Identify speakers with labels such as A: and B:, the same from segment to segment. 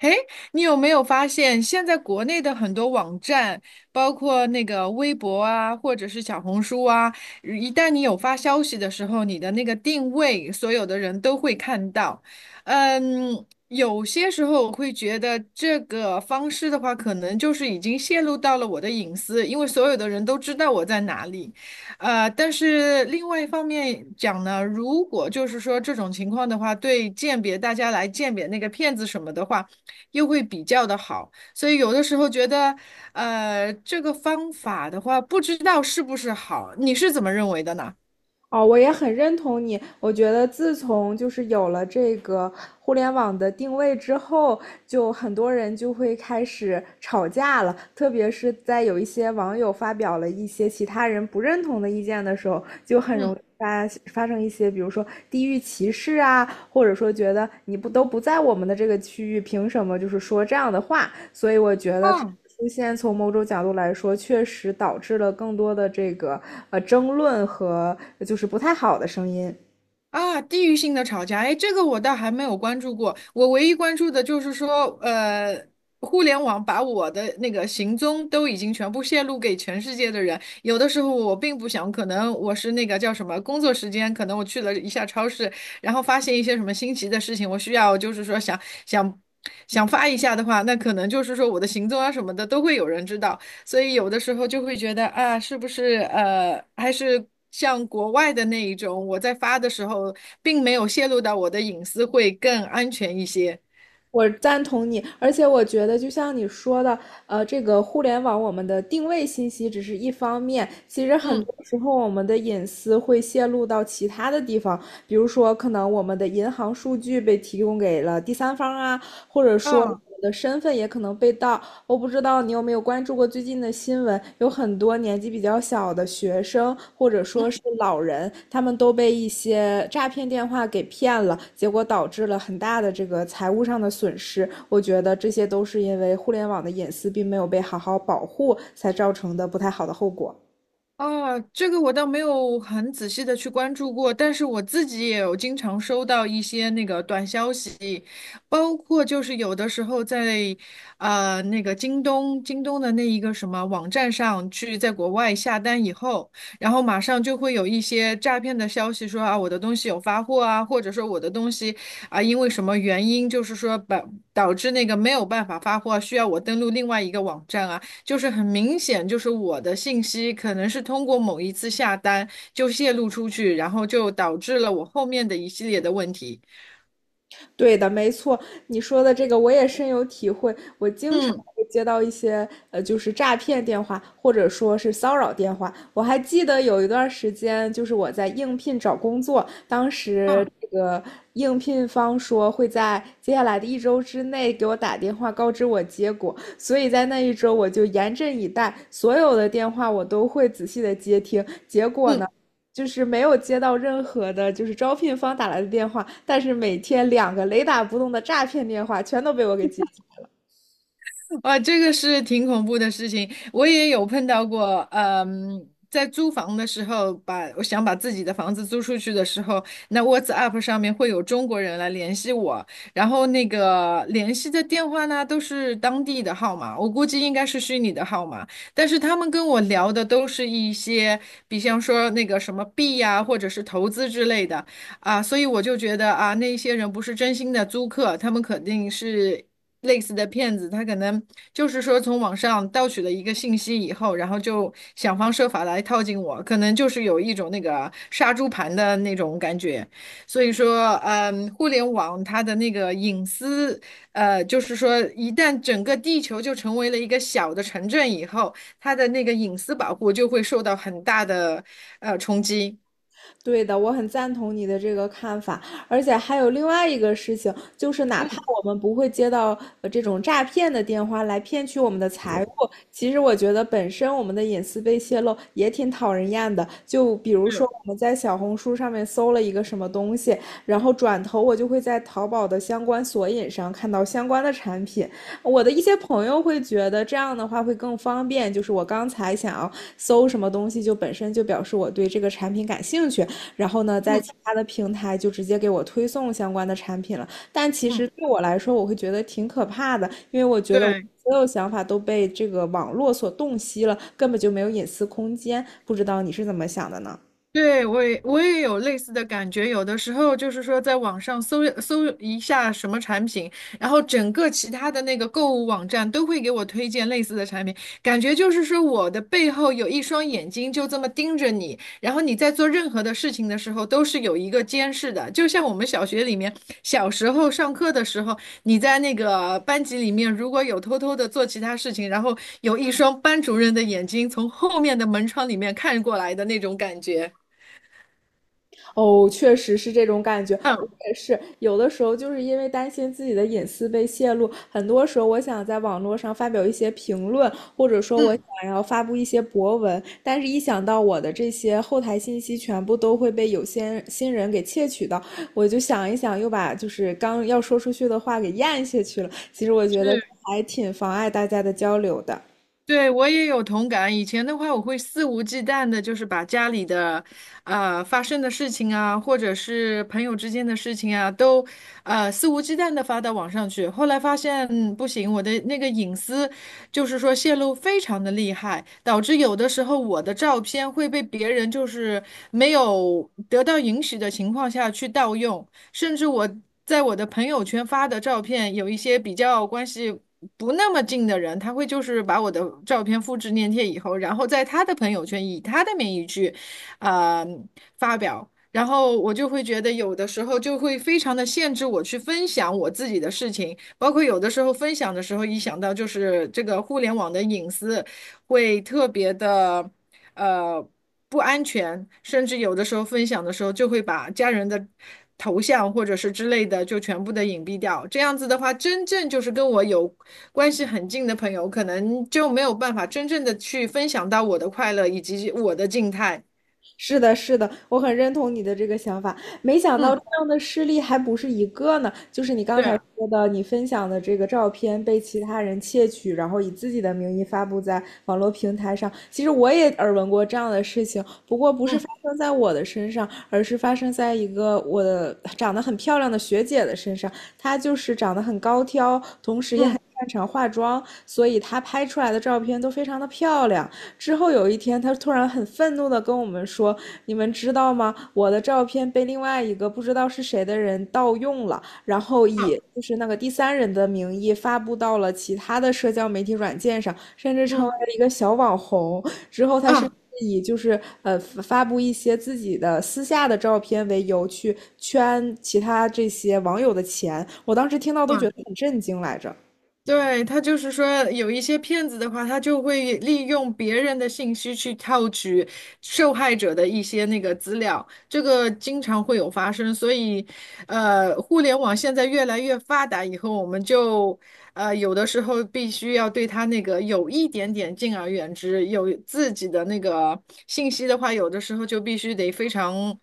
A: 哎，你有没有发现，现在国内的很多网站，包括那个微博啊，或者是小红书啊，一旦你有发消息的时候，你的那个定位，所有的人都会看到。嗯，有些时候我会觉得这个方式的话，可能就是已经泄露到了我的隐私，因为所有的人都知道我在哪里。但是另外一方面讲呢，如果就是说这种情况的话，对鉴别大家来鉴别那个骗子什么的话。又会比较的好，所以有的时候觉得，这个方法的话，不知道是不是好，你是怎么认为的呢？
B: 哦，我也很认同你。我觉得自从有了这个互联网的定位之后，就很多人就会开始吵架了。特别是在有一些网友发表了一些其他人不认同的意见的时候，就很容易
A: 嗯。
B: 发生一些，比如说地域歧视啊，或者说觉得你不都不在我们的这个区域，凭什么就是说这样的话？所以我觉得它
A: 啊
B: 出现，从某种角度来说，确实导致了更多的这个争论和就是不太好的声音。
A: 啊，地域性的吵架，哎，这个我倒还没有关注过。我唯一关注的就是说，互联网把我的那个行踪都已经全部泄露给全世界的人。有的时候我并不想，可能我是那个叫什么工作时间，可能我去了一下超市，然后发现一些什么新奇的事情，我需要就是说想想发一下的话，那可能就是说我的行踪啊什么的都会有人知道。所以有的时候就会觉得啊，是不是还是像国外的那一种，我在发的时候并没有泄露到我的隐私，会更安全一些。
B: 我赞同你，而且我觉得就像你说的，这个互联网我们的定位信息只是一方面，其实很
A: 嗯，
B: 多时候我们的隐私会泄露到其他的地方，比如说可能我们的银行数据被提供给了第三方啊，或者说我
A: 嗯。
B: 们的身份也可能被盗，我不知道你有没有关注过最近的新闻，有很多年纪比较小的学生或者说是老人，他们都被一些诈骗电话给骗了，结果导致了很大的这个财务上的损失。我觉得这些都是因为互联网的隐私并没有被好好保护才造成的不太好的后果。
A: 啊，这个我倒没有很仔细的去关注过，但是我自己也有经常收到一些那个短消息，包括就是有的时候在那个京东的那一个什么网站上去在国外下单以后，然后马上就会有一些诈骗的消息说啊我的东西有发货啊，或者说我的东西啊因为什么原因就是说把导致那个没有办法发货，需要我登录另外一个网站啊。就是很明显，就是我的信息可能是通过某一次下单就泄露出去，然后就导致了我后面的一系列的问题。
B: 对的，没错，你说的这个我也深有体会。我经常
A: 嗯，
B: 会接到一些就是诈骗电话，或者说是骚扰电话。我还记得有一段时间，就是我在应聘找工作，当时
A: 啊，
B: 这个应聘方说会在接下来的一周之内给我打电话告知我结果，所以在那一周我就严阵以待，所有的电话我都会仔细的接听。结果呢，
A: 嗯。
B: 就是没有接到任何的，就是招聘方打来的电话，但是每天两个雷打不动的诈骗电话全都被我给接。
A: 哇，这个是挺恐怖的事情，我也有碰到过。嗯，在租房的时候，把我想把自己的房子租出去的时候，那 WhatsApp 上面会有中国人来联系我，然后那个联系的电话呢都是当地的号码，我估计应该是虚拟的号码，但是他们跟我聊的都是一些，比方说那个什么币呀、或者是投资之类的。啊，所以我就觉得啊，那一些人不是真心的租客，他们肯定是类似的骗子，他可能就是说从网上盗取了一个信息以后，然后就想方设法来套近我，可能就是有一种那个杀猪盘的那种感觉。所以说，嗯，互联网它的那个隐私，就是说一旦整个地球就成为了一个小的城镇以后，它的那个隐私保护就会受到很大的冲击。
B: 对的，我很赞同你的这个看法，而且还有另外一个事情，就是哪怕我们不会接到这种诈骗的电话来骗取我们的财物，其实我觉得本身我们的隐私被泄露也挺讨人厌的。就比如说
A: 是，
B: 我们在小红书上面搜了一个什么东西，然后转头我就会在淘宝的相关索引上看到相关的产品。我的一些朋友会觉得这样的话会更方便，就是我刚才想要搜什么东西，就本身就表示我对这个产品感兴趣，然后呢，在其
A: 嗯
B: 他的平台就直接给我推送相关的产品了。但其实
A: 嗯，
B: 对我来说，我会觉得挺可怕的，因为我觉得我
A: 对。
B: 所有想法都被这个网络所洞悉了，根本就没有隐私空间。不知道你是怎么想的呢？
A: 对，我也有类似的感觉，有的时候就是说，在网上搜一下什么产品，然后整个其他的那个购物网站都会给我推荐类似的产品，感觉就是说我的背后有一双眼睛就这么盯着你，然后你在做任何的事情的时候都是有一个监视的，就像我们小学里面小时候上课的时候，你在那个班级里面如果有偷偷的做其他事情，然后有一双班主任的眼睛从后面的门窗里面看过来的那种感觉。
B: 哦，确实是这种感觉，我
A: 嗯
B: 也是。有的时候就是因为担心自己的隐私被泄露，很多时候我想在网络上发表一些评论，或者说我
A: 嗯，
B: 想要发布一些博文，但是一想到我的这些后台信息全部都会被有些新人给窃取到，我就想一想，又把就是刚要说出去的话给咽下去了。其实我觉得
A: 是，
B: 还挺妨碍大家的交流的。
A: 对，我也有同感。以前的话，我会肆无忌惮的，就是把家里的，发生的事情啊，或者是朋友之间的事情啊，都，肆无忌惮的发到网上去。后来发现，嗯不行，我的那个隐私，就是说泄露非常的厉害，导致有的时候我的照片会被别人就是没有得到允许的情况下去盗用。甚至我在我的朋友圈发的照片，有一些比较关系不那么近的人，他会就是把我的照片复制粘贴以后，然后在他的朋友圈以他的名义去，呃，发表。然后我就会觉得，有的时候就会非常的限制我去分享我自己的事情，包括有的时候分享的时候，一想到就是这个互联网的隐私，会特别的呃不安全，甚至有的时候分享的时候就会把家人的头像或者是之类的就全部的隐蔽掉。这样子的话，真正就是跟我有关系很近的朋友，可能就没有办法真正的去分享到我的快乐以及我的静态。
B: 是的，是的，我很认同你的这个想法。没想到这
A: 嗯，
B: 样的事例还不是一个呢，就是你刚
A: 对
B: 才
A: 啊，
B: 说的，你分享的这个照片被其他人窃取，然后以自己的名义发布在网络平台上。其实我也耳闻过这样的事情，不过不是
A: 嗯
B: 发生在我的身上，而是发生在一个我的长得很漂亮的学姐的身上。她就是长得很高挑，同时也很
A: 嗯，
B: 擅长化妆，所以她拍出来的照片都非常的漂亮。之后有一天，他突然很愤怒的跟我们说："你们知道吗？我的照片被另外一个不知道是谁的人盗用了，然后
A: 好，
B: 以就是那个第三人的名义发布到了其他的社交媒体软件上，甚至成为
A: 嗯
B: 了一个小网红。"之后，他甚
A: 啊。
B: 至以就是发布一些自己的私下的照片为由去圈其他这些网友的钱。我当时听到都觉
A: 哇
B: 得很震惊来着。
A: 对，他就是说，有一些骗子的话，他就会利用别人的信息去套取受害者的一些那个资料，这个经常会有发生。所以，互联网现在越来越发达以后，我们就有的时候必须要对他那个有一点点敬而远之，有自己的那个信息的话，有的时候就必须得非常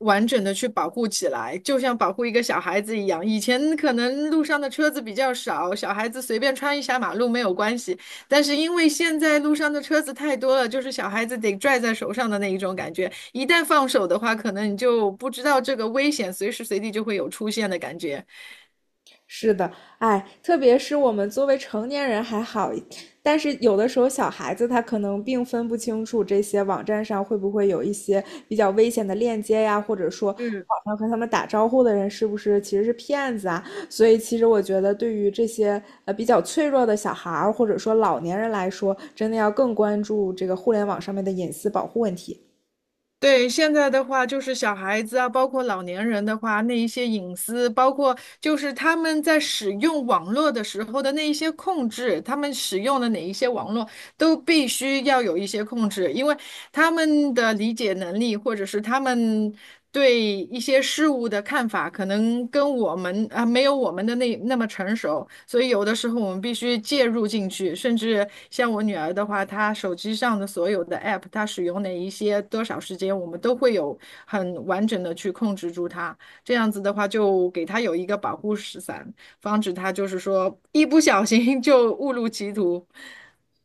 A: 完整的去保护起来，就像保护一个小孩子一样。以前可能路上的车子比较少，小孩子随便穿一下马路没有关系，但是因为现在路上的车子太多了，就是小孩子得拽在手上的那一种感觉，一旦放手的话，可能你就不知道这个危险随时随地就会有出现的感觉。
B: 是的，哎，特别是我们作为成年人还好，但是有的时候小孩子他可能并分不清楚这些网站上会不会有一些比较危险的链接呀，或者说网上和他们打招呼的人是不是其实是骗子啊？所以其实我觉得，对于这些比较脆弱的小孩儿或者说老年人来说，真的要更关注这个互联网上面的隐私保护问题。
A: 对，现在的话，就是小孩子啊，包括老年人的话，那一些隐私，包括就是他们在使用网络的时候的那一些控制，他们使用的哪一些网络都必须要有一些控制，因为他们的理解能力，或者是他们对一些事物的看法，可能跟我们啊、没有我们的那么成熟，所以有的时候我们必须介入进去。甚至像我女儿的话，她手机上的所有的 app，她使用哪一些多少时间，我们都会有很完整的去控制住她。这样子的话，就给她有一个保护伞，防止她就是说一不小心 就误入歧途。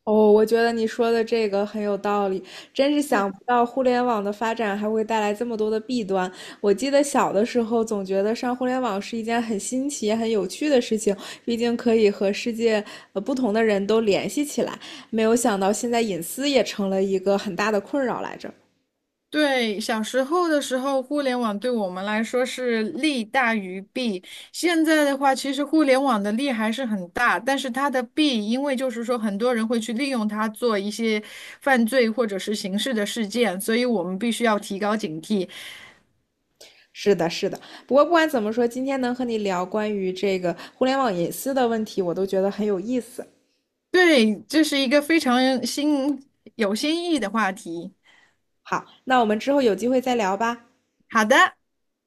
B: 哦，我觉得你说的这个很有道理，真是
A: 嗯。
B: 想不到互联网的发展还会带来这么多的弊端。我记得小的时候总觉得上互联网是一件很新奇、很有趣的事情，毕竟可以和世界不同的人都联系起来。没有想到现在隐私也成了一个很大的困扰来着。
A: 对，小时候的时候，互联网对我们来说是利大于弊。现在的话，其实互联网的利还是很大，但是它的弊，因为就是说很多人会去利用它做一些犯罪或者是刑事的事件，所以我们必须要提高警惕。
B: 是的，是的。不过不管怎么说，今天能和你聊关于这个互联网隐私的问题，我都觉得很有意思。
A: 对，这是一个非常新、有新意的话题。
B: 好，那我们之后有机会再聊吧。
A: 好的。